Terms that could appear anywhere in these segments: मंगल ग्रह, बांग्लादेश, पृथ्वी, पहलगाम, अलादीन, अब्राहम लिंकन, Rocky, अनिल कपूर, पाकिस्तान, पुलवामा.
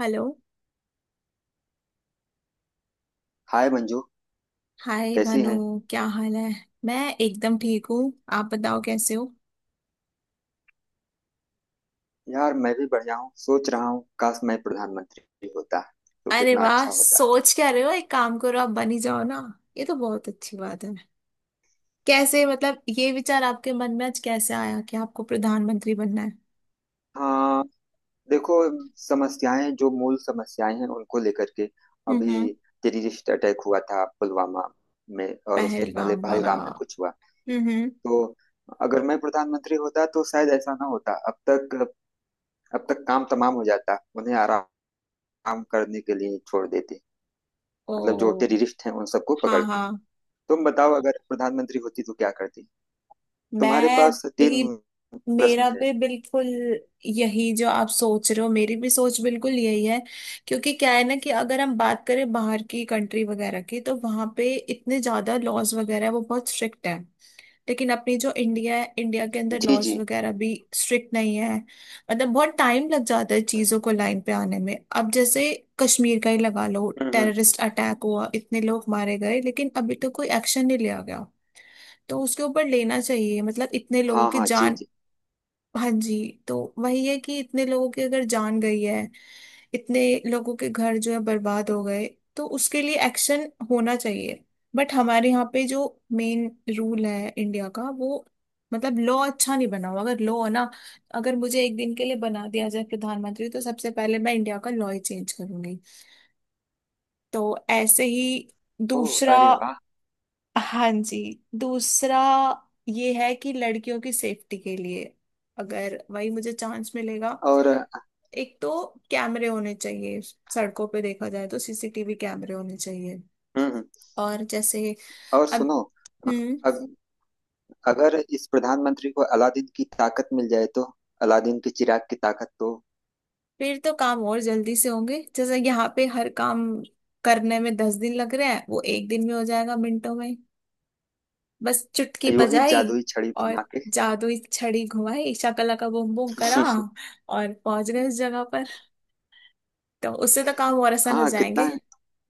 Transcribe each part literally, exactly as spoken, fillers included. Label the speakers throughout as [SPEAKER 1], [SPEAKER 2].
[SPEAKER 1] Hello.
[SPEAKER 2] Hi Manju.
[SPEAKER 1] Hi
[SPEAKER 2] कैसी
[SPEAKER 1] भानु।
[SPEAKER 2] हैं।
[SPEAKER 1] क्या हाल है? मैं एकदम ठीक हूँ, आप बताओ कैसे हो?
[SPEAKER 2] यार मैं भी बढ़िया हूँ। सोच रहा हूँ काश मैं प्रधानमंत्री होता तो
[SPEAKER 1] अरे
[SPEAKER 2] कितना
[SPEAKER 1] वाह,
[SPEAKER 2] अच्छा होता।
[SPEAKER 1] सोच क्या रहे हो, एक काम करो आप बन ही जाओ ना। ये तो बहुत अच्छी बात है। कैसे, मतलब ये विचार आपके मन में आज कैसे आया कि आपको प्रधानमंत्री बनना है?
[SPEAKER 2] हाँ, देखो, समस्याएं जो मूल समस्याएं हैं उनको लेकर के
[SPEAKER 1] हम्म हम्म।
[SPEAKER 2] अभी टेररिस्ट अटैक हुआ था पुलवामा में, और उससे पहले
[SPEAKER 1] पहलगाम वाला।
[SPEAKER 2] पहलगाम में कुछ हुआ।
[SPEAKER 1] हम्म हम्म।
[SPEAKER 2] तो अगर मैं प्रधानमंत्री होता तो शायद ऐसा ना होता अब तक। अब तक काम तमाम हो जाता, उन्हें आराम करने के लिए छोड़ देते। मतलब जो
[SPEAKER 1] ओ।
[SPEAKER 2] टेररिस्ट हैं उन सबको पकड़
[SPEAKER 1] हाँ
[SPEAKER 2] के।
[SPEAKER 1] हाँ।
[SPEAKER 2] तुम बताओ अगर प्रधानमंत्री होती तो क्या करती। तुम्हारे
[SPEAKER 1] मैं
[SPEAKER 2] पास
[SPEAKER 1] भी,
[SPEAKER 2] तीन प्रश्न
[SPEAKER 1] मेरा
[SPEAKER 2] है।
[SPEAKER 1] भी बिल्कुल यही जो आप सोच रहे हो, मेरी भी सोच बिल्कुल यही है। क्योंकि क्या है ना कि अगर हम बात करें बाहर की कंट्री वगैरह की तो वहां पे इतने ज्यादा लॉज वगैरह है, वो बहुत स्ट्रिक्ट है। लेकिन अपनी जो इंडिया है, इंडिया के अंदर
[SPEAKER 2] जी
[SPEAKER 1] लॉज
[SPEAKER 2] जी।
[SPEAKER 1] वगैरह भी स्ट्रिक्ट नहीं है, मतलब बहुत टाइम लग जाता है चीजों को लाइन पे आने में। अब जैसे कश्मीर का ही लगा लो,
[SPEAKER 2] हम्म हम्म।
[SPEAKER 1] टेररिस्ट अटैक हुआ, इतने लोग मारे गए, लेकिन अभी तक कोई एक्शन नहीं लिया गया। तो उसके ऊपर लेना चाहिए, मतलब इतने लोगों
[SPEAKER 2] हाँ
[SPEAKER 1] की
[SPEAKER 2] हाँ जी
[SPEAKER 1] जान।
[SPEAKER 2] जी।
[SPEAKER 1] हाँ जी। तो वही है कि इतने लोगों की अगर जान गई है, इतने लोगों के घर जो है बर्बाद हो गए, तो उसके लिए एक्शन होना चाहिए। बट हमारे यहाँ पे जो मेन रूल है इंडिया का वो, मतलब लॉ अच्छा नहीं बना हुआ। अगर लॉ ना, अगर मुझे एक दिन के लिए बना दिया जाए प्रधानमंत्री तो सबसे पहले मैं इंडिया का लॉ ही चेंज करूंगी। तो ऐसे ही।
[SPEAKER 2] ओह,
[SPEAKER 1] दूसरा,
[SPEAKER 2] अरे वाह।
[SPEAKER 1] हाँ जी। दूसरा ये है कि लड़कियों की सेफ्टी के लिए, अगर वही मुझे चांस मिलेगा,
[SPEAKER 2] और हम्म
[SPEAKER 1] एक तो कैमरे होने चाहिए, सड़कों पे देखा जाए तो सीसीटीवी कैमरे होने चाहिए।
[SPEAKER 2] हम्म।
[SPEAKER 1] और जैसे,
[SPEAKER 2] और
[SPEAKER 1] अब।
[SPEAKER 2] सुनो,
[SPEAKER 1] हम्म।
[SPEAKER 2] अग, अगर इस प्रधानमंत्री को अलादीन की ताकत मिल जाए तो। अलादीन के चिराग की ताकत तो
[SPEAKER 1] फिर तो काम और जल्दी से होंगे, जैसे यहाँ पे हर काम करने में दस दिन लग रहे हैं, वो एक दिन में हो जाएगा, मिनटों में। बस चुटकी
[SPEAKER 2] यूं ही
[SPEAKER 1] बजाई
[SPEAKER 2] जादुई छड़ी
[SPEAKER 1] और
[SPEAKER 2] घुमा के।
[SPEAKER 1] जादुई छड़ी घुमाई, शाकाला का बूम बूम करा और पहुंच गए उस जगह। तो उससे तो काम और आसान हो
[SPEAKER 2] हाँ कितना
[SPEAKER 1] जाएंगे।
[SPEAKER 2] है।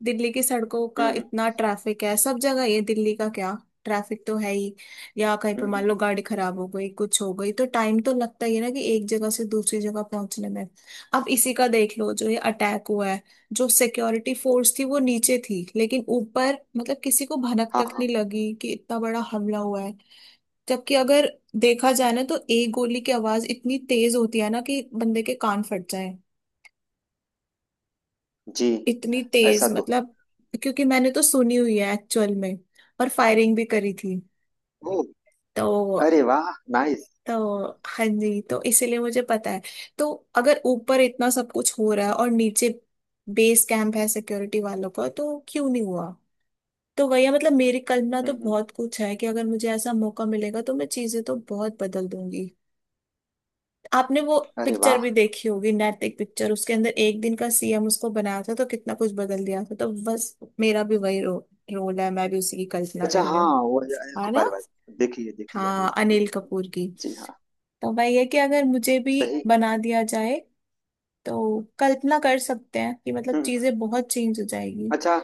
[SPEAKER 1] दिल्ली की सड़कों
[SPEAKER 2] हम्म
[SPEAKER 1] का
[SPEAKER 2] हम्म।
[SPEAKER 1] इतना ट्रैफिक है, सब जगह, ये दिल्ली का क्या, ट्रैफिक तो है ही। या कहीं पे
[SPEAKER 2] हम्म,
[SPEAKER 1] मान लो
[SPEAKER 2] हम्म,
[SPEAKER 1] गाड़ी खराब हो गई, कुछ हो गई, तो टाइम तो लगता ही है ना कि एक जगह से दूसरी जगह पहुंचने में। अब इसी का देख लो, जो ये अटैक हुआ है, जो सिक्योरिटी फोर्स थी वो नीचे थी, लेकिन ऊपर मतलब किसी को भनक
[SPEAKER 2] हाँ
[SPEAKER 1] तक
[SPEAKER 2] हाँ
[SPEAKER 1] नहीं लगी कि इतना बड़ा हमला हुआ है। जबकि अगर देखा जाए ना, तो एक गोली की आवाज इतनी तेज होती है ना कि बंदे के कान फट जाए।
[SPEAKER 2] जी।
[SPEAKER 1] इतनी
[SPEAKER 2] ऐसा
[SPEAKER 1] तेज
[SPEAKER 2] तो है।
[SPEAKER 1] मतलब, क्योंकि मैंने तो सुनी हुई है एक्चुअल में, और फायरिंग भी करी थी।
[SPEAKER 2] ओ,
[SPEAKER 1] तो
[SPEAKER 2] अरे वाह, नाइस।
[SPEAKER 1] तो हाँ जी, तो इसीलिए मुझे पता है। तो अगर ऊपर इतना सब कुछ हो रहा है और नीचे बेस कैंप है सिक्योरिटी वालों का, तो क्यों नहीं हुआ। तो वही है, मतलब मेरी कल्पना तो
[SPEAKER 2] हम्म, हम्म।
[SPEAKER 1] बहुत कुछ है कि अगर मुझे ऐसा मौका मिलेगा तो मैं चीजें तो बहुत बदल दूंगी। आपने वो
[SPEAKER 2] अरे
[SPEAKER 1] पिक्चर
[SPEAKER 2] वाह।
[SPEAKER 1] भी देखी होगी, नैतिक पिक्चर, उसके अंदर एक दिन का सीएम उसको बनाया था तो कितना कुछ बदल दिया था। तो बस मेरा भी वही रो, रोल है, मैं भी उसी की कल्पना
[SPEAKER 2] अच्छा,
[SPEAKER 1] कर रही
[SPEAKER 2] हाँ
[SPEAKER 1] हूँ।
[SPEAKER 2] वो है अनिल
[SPEAKER 1] है ना।
[SPEAKER 2] कपूर भाई, देखिए देखिए अनिल
[SPEAKER 1] हाँ, अनिल
[SPEAKER 2] कपूर।
[SPEAKER 1] कपूर की।
[SPEAKER 2] जी हाँ।
[SPEAKER 1] तो भाई ये कि अगर मुझे भी
[SPEAKER 2] सही।
[SPEAKER 1] बना दिया जाए, तो कल्पना कर सकते हैं कि मतलब
[SPEAKER 2] हम्म।
[SPEAKER 1] चीजें बहुत चेंज हो जाएगी।
[SPEAKER 2] अच्छा,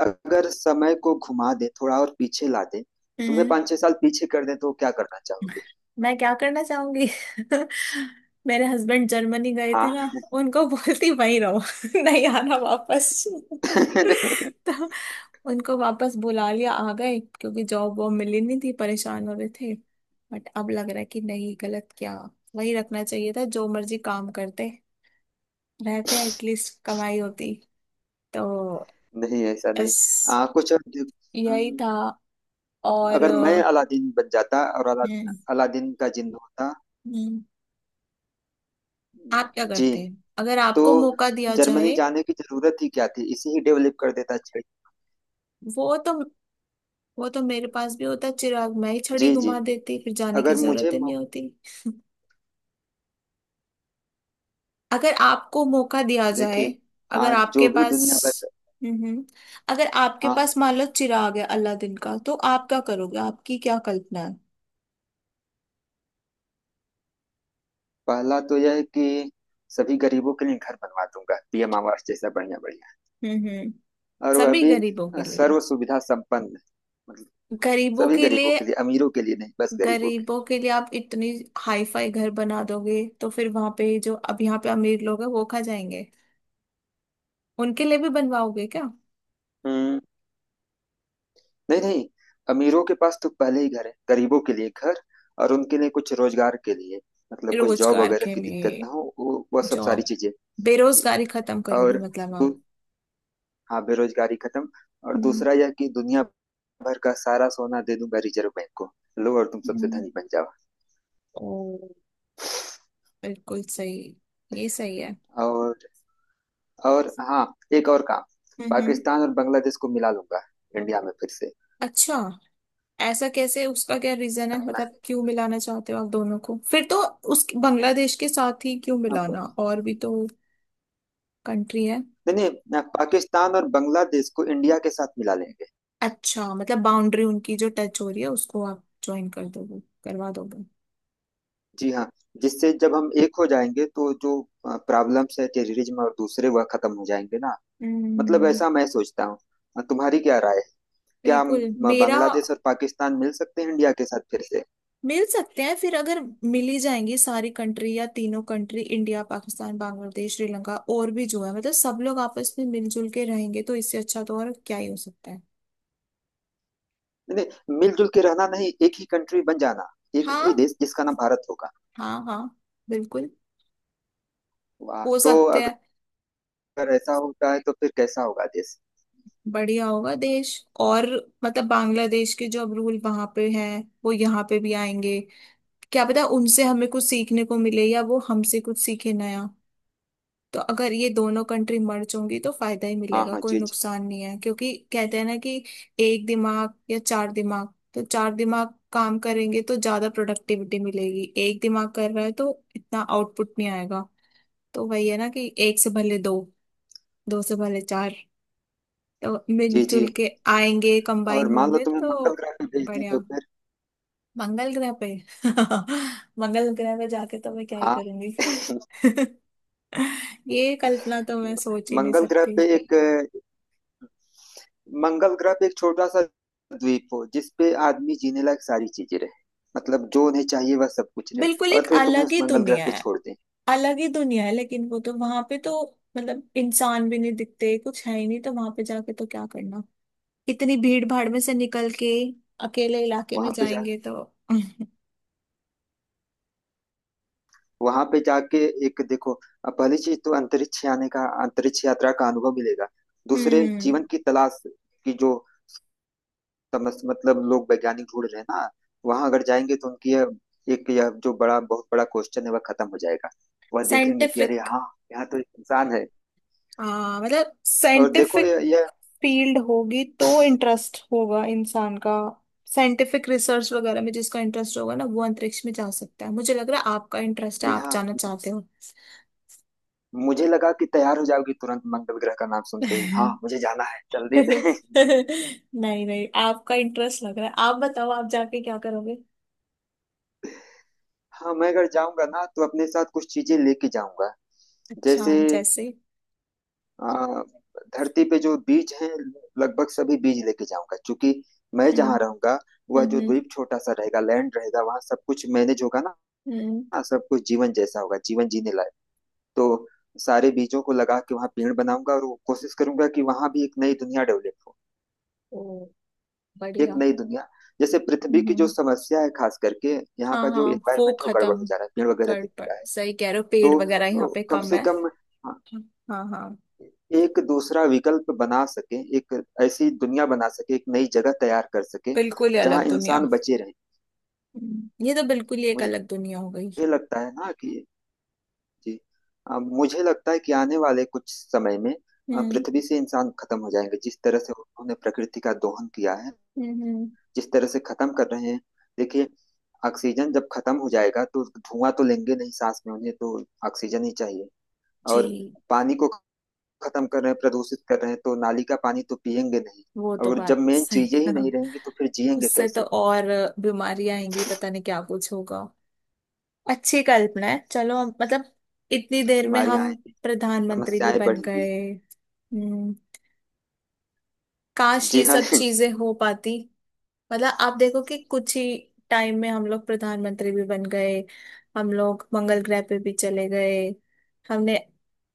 [SPEAKER 2] अगर समय को घुमा दे थोड़ा और पीछे ला दे, तुम्हें
[SPEAKER 1] हम्म।
[SPEAKER 2] पाँच छह साल पीछे कर दे तो क्या करना चाहोगे।
[SPEAKER 1] मैं क्या करना चाहूंगी? मेरे हस्बैंड जर्मनी गए थे
[SPEAKER 2] हाँ।
[SPEAKER 1] ना, उनको बोलती वहीं रहो नहीं आना वापस। तो उनको वापस बुला लिया, आ गए, क्योंकि जॉब वॉब मिली नहीं थी, परेशान हो रहे थे। बट अब लग रहा है कि नहीं, गलत क्या, वही रखना चाहिए था, जो मर्जी काम करते रहते, एटलीस्ट कमाई होती। तो
[SPEAKER 2] नहीं ऐसा नहीं।
[SPEAKER 1] बस
[SPEAKER 2] आ, कुछ और दे-
[SPEAKER 1] यही
[SPEAKER 2] अम,
[SPEAKER 1] था। और
[SPEAKER 2] अगर मैं
[SPEAKER 1] अ,
[SPEAKER 2] अलादीन बन जाता और अला,
[SPEAKER 1] हम्म,
[SPEAKER 2] अलादीन का जिन्न होता।
[SPEAKER 1] हम्म, आप क्या
[SPEAKER 2] जी,
[SPEAKER 1] करते हैं अगर
[SPEAKER 2] तो
[SPEAKER 1] आपको मौका दिया
[SPEAKER 2] जर्मनी
[SPEAKER 1] जाए?
[SPEAKER 2] जाने की जरूरत ही क्या थी, इसे ही डेवलप कर देता। अच्छा।
[SPEAKER 1] वो तो वो तो मेरे पास भी होता चिराग, मैं ही छड़ी
[SPEAKER 2] जी जी।
[SPEAKER 1] घुमा देती, फिर जाने की
[SPEAKER 2] अगर मुझे
[SPEAKER 1] जरूरत ही
[SPEAKER 2] मौ-
[SPEAKER 1] नहीं होती। अगर आपको मौका दिया जाए,
[SPEAKER 2] देखिए,
[SPEAKER 1] अगर
[SPEAKER 2] आज
[SPEAKER 1] आपके
[SPEAKER 2] जो भी
[SPEAKER 1] पास,
[SPEAKER 2] दुनिया भर।
[SPEAKER 1] हम्म, अगर आपके
[SPEAKER 2] हाँ,
[SPEAKER 1] पास मान लो चिराग है अलादीन का तो आप क्या करोगे, आपकी क्या कल्पना है?
[SPEAKER 2] पहला तो यह है कि सभी गरीबों के लिए घर बनवा दूंगा, पी एम आवास जैसा बढ़िया बढ़िया।
[SPEAKER 1] हम्म।
[SPEAKER 2] और वह
[SPEAKER 1] सभी
[SPEAKER 2] भी
[SPEAKER 1] गरीबों
[SPEAKER 2] अ,
[SPEAKER 1] के लिए।
[SPEAKER 2] सर्व सुविधा संपन्न। मतलब
[SPEAKER 1] गरीबों
[SPEAKER 2] सभी
[SPEAKER 1] के
[SPEAKER 2] गरीबों
[SPEAKER 1] लिए।
[SPEAKER 2] के लिए, अमीरों के लिए नहीं, बस गरीबों के।
[SPEAKER 1] गरीबों के लिए आप इतनी हाई फाई घर बना दोगे तो फिर वहां पे जो अब यहाँ पे अमीर लोग हैं वो खा जाएंगे। उनके लिए भी बनवाओगे क्या?
[SPEAKER 2] हम्म। नहीं नहीं, अमीरों के पास तो पहले ही घर है, गरीबों के लिए घर। और उनके लिए कुछ रोजगार के लिए, मतलब कुछ जॉब
[SPEAKER 1] रोजगार
[SPEAKER 2] वगैरह
[SPEAKER 1] के
[SPEAKER 2] की
[SPEAKER 1] लिए,
[SPEAKER 2] दिक्कत ना हो, वो वह सब सारी
[SPEAKER 1] जॉब,
[SPEAKER 2] चीजें। जी
[SPEAKER 1] बेरोजगारी खत्म
[SPEAKER 2] हाँ। और
[SPEAKER 1] करोगे मतलब
[SPEAKER 2] दू,
[SPEAKER 1] आप।
[SPEAKER 2] हाँ बेरोजगारी खत्म। और
[SPEAKER 1] हम्म
[SPEAKER 2] दूसरा यह कि दुनिया भर का सारा सोना दे दूंगा रिजर्व बैंक को। लो, और तुम सबसे
[SPEAKER 1] हम्म।
[SPEAKER 2] धनी बन जाओ।
[SPEAKER 1] ओ बिल्कुल सही। ये सही है।
[SPEAKER 2] और और हाँ, एक और काम।
[SPEAKER 1] हम्म, हम्म।
[SPEAKER 2] पाकिस्तान और बांग्लादेश को मिला लूंगा इंडिया में फिर से।
[SPEAKER 1] अच्छा, ऐसा कैसे, उसका क्या रीजन है,
[SPEAKER 2] अपना।
[SPEAKER 1] मतलब क्यों मिलाना चाहते हो आप दोनों को, फिर तो उस बांग्लादेश के साथ ही क्यों
[SPEAKER 2] अब
[SPEAKER 1] मिलाना, और भी तो कंट्री है।
[SPEAKER 2] नहीं नहीं ना, पाकिस्तान और बांग्लादेश को इंडिया के साथ मिला लेंगे।
[SPEAKER 1] अच्छा, मतलब बाउंड्री उनकी जो टच हो रही है उसको आप ज्वाइन कर दोगे, करवा दोगे।
[SPEAKER 2] जी हाँ। जिससे जब हम एक हो जाएंगे तो जो प्रॉब्लम्स है टेररिज्म और दूसरे वह खत्म हो जाएंगे ना। मतलब
[SPEAKER 1] हम्म।
[SPEAKER 2] ऐसा मैं सोचता हूँ। अ, तुम्हारी क्या राय है। क्या हम
[SPEAKER 1] बिल्कुल
[SPEAKER 2] अ,
[SPEAKER 1] मेरा।
[SPEAKER 2] बांग्लादेश और पाकिस्तान मिल सकते हैं इंडिया के साथ फिर से।
[SPEAKER 1] मिल सकते हैं, फिर अगर मिल ही जाएंगी सारी कंट्री, या तीनों कंट्री इंडिया पाकिस्तान बांग्लादेश श्रीलंका और भी जो है, मतलब सब लोग आपस में मिलजुल के रहेंगे, तो इससे अच्छा तो और क्या ही हो सकता है।
[SPEAKER 2] नहीं नहीं, मिलजुल के रहना नहीं, एक ही कंट्री बन जाना। एक
[SPEAKER 1] हाँ
[SPEAKER 2] ही देश जिसका नाम भारत होगा।
[SPEAKER 1] हाँ। हाँ बिल्कुल।
[SPEAKER 2] वाह,
[SPEAKER 1] हो
[SPEAKER 2] तो
[SPEAKER 1] सकते हैं।
[SPEAKER 2] अगर ऐसा होता है तो फिर कैसा होगा देश।
[SPEAKER 1] बढ़िया होगा देश। और मतलब बांग्लादेश के जो अब रूल वहां पे हैं वो यहाँ पे भी आएंगे, क्या पता उनसे हमें कुछ सीखने को मिले या वो हमसे कुछ सीखे नया। तो अगर ये दोनों कंट्री मर्ज होंगी तो फायदा ही
[SPEAKER 2] हाँ
[SPEAKER 1] मिलेगा,
[SPEAKER 2] हाँ
[SPEAKER 1] कोई
[SPEAKER 2] जी जी।
[SPEAKER 1] नुकसान नहीं है, क्योंकि कहते हैं ना कि एक दिमाग या चार दिमाग, तो चार दिमाग काम करेंगे तो ज्यादा प्रोडक्टिविटी मिलेगी, एक दिमाग कर रहा है तो इतना आउटपुट नहीं आएगा। तो वही है ना कि एक से भले दो, दो से भले चार। तो
[SPEAKER 2] जी जी।
[SPEAKER 1] मिलजुल के आएंगे,
[SPEAKER 2] और
[SPEAKER 1] कंबाइन
[SPEAKER 2] मान लो
[SPEAKER 1] होंगे
[SPEAKER 2] तुम्हें
[SPEAKER 1] तो।
[SPEAKER 2] मंगल ग्रह पे भेज दें तो
[SPEAKER 1] बढ़िया।
[SPEAKER 2] फिर।
[SPEAKER 1] मंगल ग्रह पे मंगल ग्रह पे जाके तो मैं क्या ही
[SPEAKER 2] हाँ।
[SPEAKER 1] करूंगी। ये कल्पना तो मैं सोच ही नहीं
[SPEAKER 2] मंगल ग्रह
[SPEAKER 1] सकती।
[SPEAKER 2] पे एक, मंगल ग्रह पे एक छोटा सा द्वीप हो जिसपे आदमी जीने लायक सारी चीजें रहे। मतलब जो उन्हें चाहिए वह सब कुछ रहे।
[SPEAKER 1] बिल्कुल एक
[SPEAKER 2] और फिर तुम्हें
[SPEAKER 1] अलग
[SPEAKER 2] उस
[SPEAKER 1] ही
[SPEAKER 2] मंगल ग्रह
[SPEAKER 1] दुनिया
[SPEAKER 2] पे
[SPEAKER 1] है।
[SPEAKER 2] छोड़ दें।
[SPEAKER 1] अलग ही दुनिया है लेकिन वो तो, वहां पे तो मतलब इंसान भी नहीं दिखते, कुछ है ही नहीं, तो वहां पे जाके तो क्या करना, इतनी भीड़ भाड़ में से निकल के अकेले इलाके
[SPEAKER 2] वहां
[SPEAKER 1] में
[SPEAKER 2] पे जा
[SPEAKER 1] जाएंगे तो।
[SPEAKER 2] वहां पे जाके, एक देखो, अब पहली चीज तो अंतरिक्ष आने का, अंतरिक्ष यात्रा का अनुभव मिलेगा। दूसरे
[SPEAKER 1] हम्म।
[SPEAKER 2] जीवन की तलाश की जो समझ, मतलब लोग वैज्ञानिक ढूंढ रहे हैं ना। वहां अगर जाएंगे तो उनकी यह एक यह जो बड़ा बहुत बड़ा क्वेश्चन है वह खत्म हो जाएगा। वह देखेंगे कि अरे
[SPEAKER 1] साइंटिफिक।
[SPEAKER 2] हाँ, यहाँ तो एक इंसान है।
[SPEAKER 1] आ मतलब
[SPEAKER 2] और देखो,
[SPEAKER 1] साइंटिफिक
[SPEAKER 2] यह यह
[SPEAKER 1] फील्ड होगी तो इंटरेस्ट होगा इंसान का। साइंटिफिक रिसर्च वगैरह में जिसका इंटरेस्ट होगा ना वो अंतरिक्ष में जा सकता है। मुझे लग रहा है आपका इंटरेस्ट है,
[SPEAKER 2] ये
[SPEAKER 1] आप
[SPEAKER 2] हाँ,
[SPEAKER 1] जाना चाहते हो।
[SPEAKER 2] मुझे लगा कि तैयार हो जाओगी तुरंत मंगल ग्रह का नाम सुनते ही, हाँ मुझे जाना है जल्दी से।
[SPEAKER 1] नहीं नहीं, आपका इंटरेस्ट लग रहा है, आप बताओ आप जाके क्या करोगे।
[SPEAKER 2] हाँ मैं अगर जाऊंगा ना तो अपने साथ कुछ चीजें लेके जाऊंगा।
[SPEAKER 1] अच्छा,
[SPEAKER 2] जैसे
[SPEAKER 1] जैसे।
[SPEAKER 2] आ, धरती पे जो बीज हैं, लगभग सभी बीज लेके जाऊंगा, क्योंकि मैं
[SPEAKER 1] हम्म।
[SPEAKER 2] जहाँ रहूंगा वह जो
[SPEAKER 1] हम्म।
[SPEAKER 2] द्वीप छोटा सा रहेगा, लैंड रहेगा, वहां सब कुछ मैनेज होगा
[SPEAKER 1] हम्म।
[SPEAKER 2] ना। सब कुछ जीवन जैसा होगा, जीवन जीने लायक। तो सारे बीजों को लगा के वहां पेड़ बनाऊंगा और वो कोशिश करूंगा कि वहां भी एक नई दुनिया डेवलप हो।
[SPEAKER 1] ओ
[SPEAKER 2] एक
[SPEAKER 1] बढ़िया।
[SPEAKER 2] नई दुनिया। जैसे पृथ्वी की जो
[SPEAKER 1] हम्म।
[SPEAKER 2] समस्या है, खास करके यहाँ का
[SPEAKER 1] हाँ
[SPEAKER 2] जो
[SPEAKER 1] हाँ वो
[SPEAKER 2] एनवायरमेंट है वो गड़बड़ हो
[SPEAKER 1] खत्म
[SPEAKER 2] जा रहा है, पेड़ वगैरह
[SPEAKER 1] कर,
[SPEAKER 2] दिख
[SPEAKER 1] पर
[SPEAKER 2] रहा है।
[SPEAKER 1] सही कह रहे हो, पेड़
[SPEAKER 2] तो
[SPEAKER 1] वगैरह यहाँ
[SPEAKER 2] अ,
[SPEAKER 1] पे
[SPEAKER 2] कम
[SPEAKER 1] कम
[SPEAKER 2] से
[SPEAKER 1] है।
[SPEAKER 2] कम हाँ,
[SPEAKER 1] हाँ हाँ।
[SPEAKER 2] एक दूसरा विकल्प बना सके, एक ऐसी दुनिया बना सके, एक नई जगह तैयार कर सके
[SPEAKER 1] बिल्कुल ही
[SPEAKER 2] जहां
[SPEAKER 1] अलग दुनिया।
[SPEAKER 2] इंसान बचे रहे।
[SPEAKER 1] हम्म, ये तो बिल्कुल ही एक अलग
[SPEAKER 2] मुझे
[SPEAKER 1] दुनिया हो गई।
[SPEAKER 2] लगता है ना कि जी अ, मुझे लगता है कि आने वाले कुछ समय में अ,
[SPEAKER 1] हम्म।
[SPEAKER 2] पृथ्वी से इंसान खत्म हो जाएंगे, जिस तरह से उन्होंने प्रकृति का दोहन किया है,
[SPEAKER 1] हम्म। हम्म,
[SPEAKER 2] जिस तरह से खत्म कर रहे हैं। देखिए, ऑक्सीजन जब खत्म हो जाएगा तो धुआं तो लेंगे नहीं सांस में, उन्हें तो ऑक्सीजन ही चाहिए। और
[SPEAKER 1] जी।
[SPEAKER 2] पानी को खत्म कर रहे हैं, प्रदूषित कर रहे हैं, तो नाली का पानी तो पियेंगे नहीं।
[SPEAKER 1] वो तो
[SPEAKER 2] और जब
[SPEAKER 1] बात
[SPEAKER 2] मेन
[SPEAKER 1] सही
[SPEAKER 2] चीजें
[SPEAKER 1] है।
[SPEAKER 2] ही नहीं रहेंगी तो फिर जिएंगे
[SPEAKER 1] उससे तो
[SPEAKER 2] कैसे।
[SPEAKER 1] और बीमारियां आएंगी, पता नहीं क्या कुछ होगा। अच्छी कल्पना है, चलो हम मतलब इतनी देर में
[SPEAKER 2] बीमारियां
[SPEAKER 1] हम
[SPEAKER 2] आएंगी,
[SPEAKER 1] प्रधानमंत्री भी
[SPEAKER 2] समस्याएं
[SPEAKER 1] बन
[SPEAKER 2] बढ़ेंगी।
[SPEAKER 1] गए। हम्म। काश
[SPEAKER 2] जी
[SPEAKER 1] ये
[SPEAKER 2] हाँ।
[SPEAKER 1] सब चीजें हो पाती। मतलब आप देखो कि कुछ ही टाइम में हम लोग प्रधानमंत्री भी बन गए, हम लोग मंगल ग्रह पे भी चले गए, हमने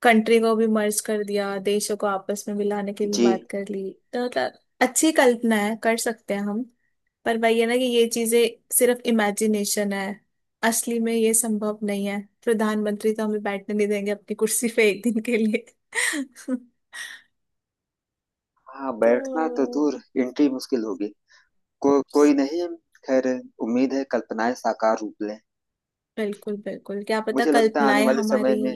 [SPEAKER 1] कंट्री को भी मर्ज कर दिया, देशों को आपस में मिलाने की भी
[SPEAKER 2] जी
[SPEAKER 1] बात कर ली, तो मतलब अच्छी कल्पना है, कर सकते हैं हम। पर वही है ना कि ये चीजें सिर्फ इमेजिनेशन है, असली में ये संभव नहीं है, प्रधानमंत्री तो हमें बैठने नहीं देंगे अपनी कुर्सी पे एक दिन के लिए।
[SPEAKER 2] हाँ, बैठना तो
[SPEAKER 1] तो
[SPEAKER 2] दूर एंट्री मुश्किल होगी। को, कोई नहीं, खैर, उम्मीद है कल्पनाएं साकार रूप लें।
[SPEAKER 1] बिल्कुल बिल्कुल, क्या पता
[SPEAKER 2] मुझे लगता है आने
[SPEAKER 1] कल्पनाएं
[SPEAKER 2] वाले
[SPEAKER 1] हमारी,
[SPEAKER 2] समय में।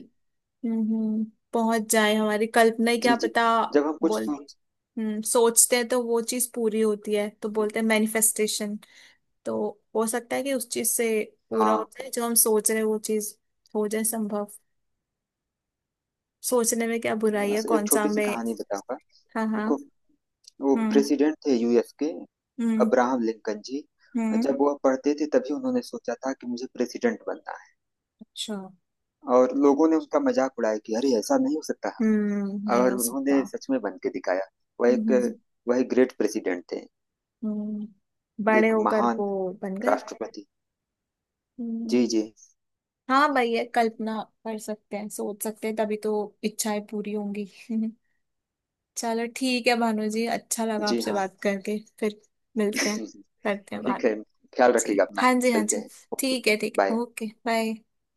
[SPEAKER 1] हम्म, पहुंच जाए, हमारी कल्पना ही क्या
[SPEAKER 2] जी जी।
[SPEAKER 1] पता।
[SPEAKER 2] जब हम कुछ
[SPEAKER 1] बोल।
[SPEAKER 2] सोच,
[SPEAKER 1] हम्म, सोचते हैं तो वो चीज पूरी होती है तो
[SPEAKER 2] जी,
[SPEAKER 1] बोलते हैं मैनिफेस्टेशन। तो हो सकता है कि उस चीज से पूरा
[SPEAKER 2] हाँ।
[SPEAKER 1] होता है जो हम सोच रहे हैं, वो चीज हो जाए संभव। सोचने में क्या बुराई है,
[SPEAKER 2] बस एक
[SPEAKER 1] कौन सा
[SPEAKER 2] छोटी सी
[SPEAKER 1] हमें।
[SPEAKER 2] कहानी बताऊंगा।
[SPEAKER 1] हाँ
[SPEAKER 2] देखो,
[SPEAKER 1] हाँ।
[SPEAKER 2] वो
[SPEAKER 1] हम्म
[SPEAKER 2] प्रेसिडेंट थे यू एस के,
[SPEAKER 1] हम्म।
[SPEAKER 2] अब्राहम लिंकन ji.
[SPEAKER 1] हम्म।
[SPEAKER 2] जब वह पढ़ते थे तभी उन्होंने सोचा था कि मुझे प्रेसिडेंट बनना है।
[SPEAKER 1] अच्छा।
[SPEAKER 2] और लोगों ने उनका मजाक उड़ाया कि अरे ऐसा नहीं हो सकता।
[SPEAKER 1] हम्म, नहीं
[SPEAKER 2] और
[SPEAKER 1] हो
[SPEAKER 2] उन्होंने
[SPEAKER 1] सकता।
[SPEAKER 2] सच में बन के दिखाया। वह
[SPEAKER 1] हम्म
[SPEAKER 2] एक
[SPEAKER 1] हम्म।
[SPEAKER 2] वह ग्रेट प्रेसिडेंट थे।
[SPEAKER 1] हम्म। बड़े
[SPEAKER 2] एक
[SPEAKER 1] होकर
[SPEAKER 2] महान
[SPEAKER 1] वो बन गए।
[SPEAKER 2] राष्ट्रपति। जी
[SPEAKER 1] हम्म।
[SPEAKER 2] जी।
[SPEAKER 1] हाँ भैया, कल्पना कर सकते हैं, सोच सकते हैं, तभी तो इच्छाएं पूरी होंगी। चलो ठीक है भानु जी, अच्छा लगा
[SPEAKER 2] जी
[SPEAKER 1] आपसे
[SPEAKER 2] हाँ।
[SPEAKER 1] बात करके, फिर मिलते हैं। करते हैं
[SPEAKER 2] ठीक
[SPEAKER 1] बात।
[SPEAKER 2] है, ख्याल
[SPEAKER 1] जी
[SPEAKER 2] रखिएगा अपना।
[SPEAKER 1] हाँ जी हाँ
[SPEAKER 2] मिलते
[SPEAKER 1] जी।
[SPEAKER 2] हैं। ओके,
[SPEAKER 1] ठीक है ठीक है
[SPEAKER 2] बाय।
[SPEAKER 1] Okay bye.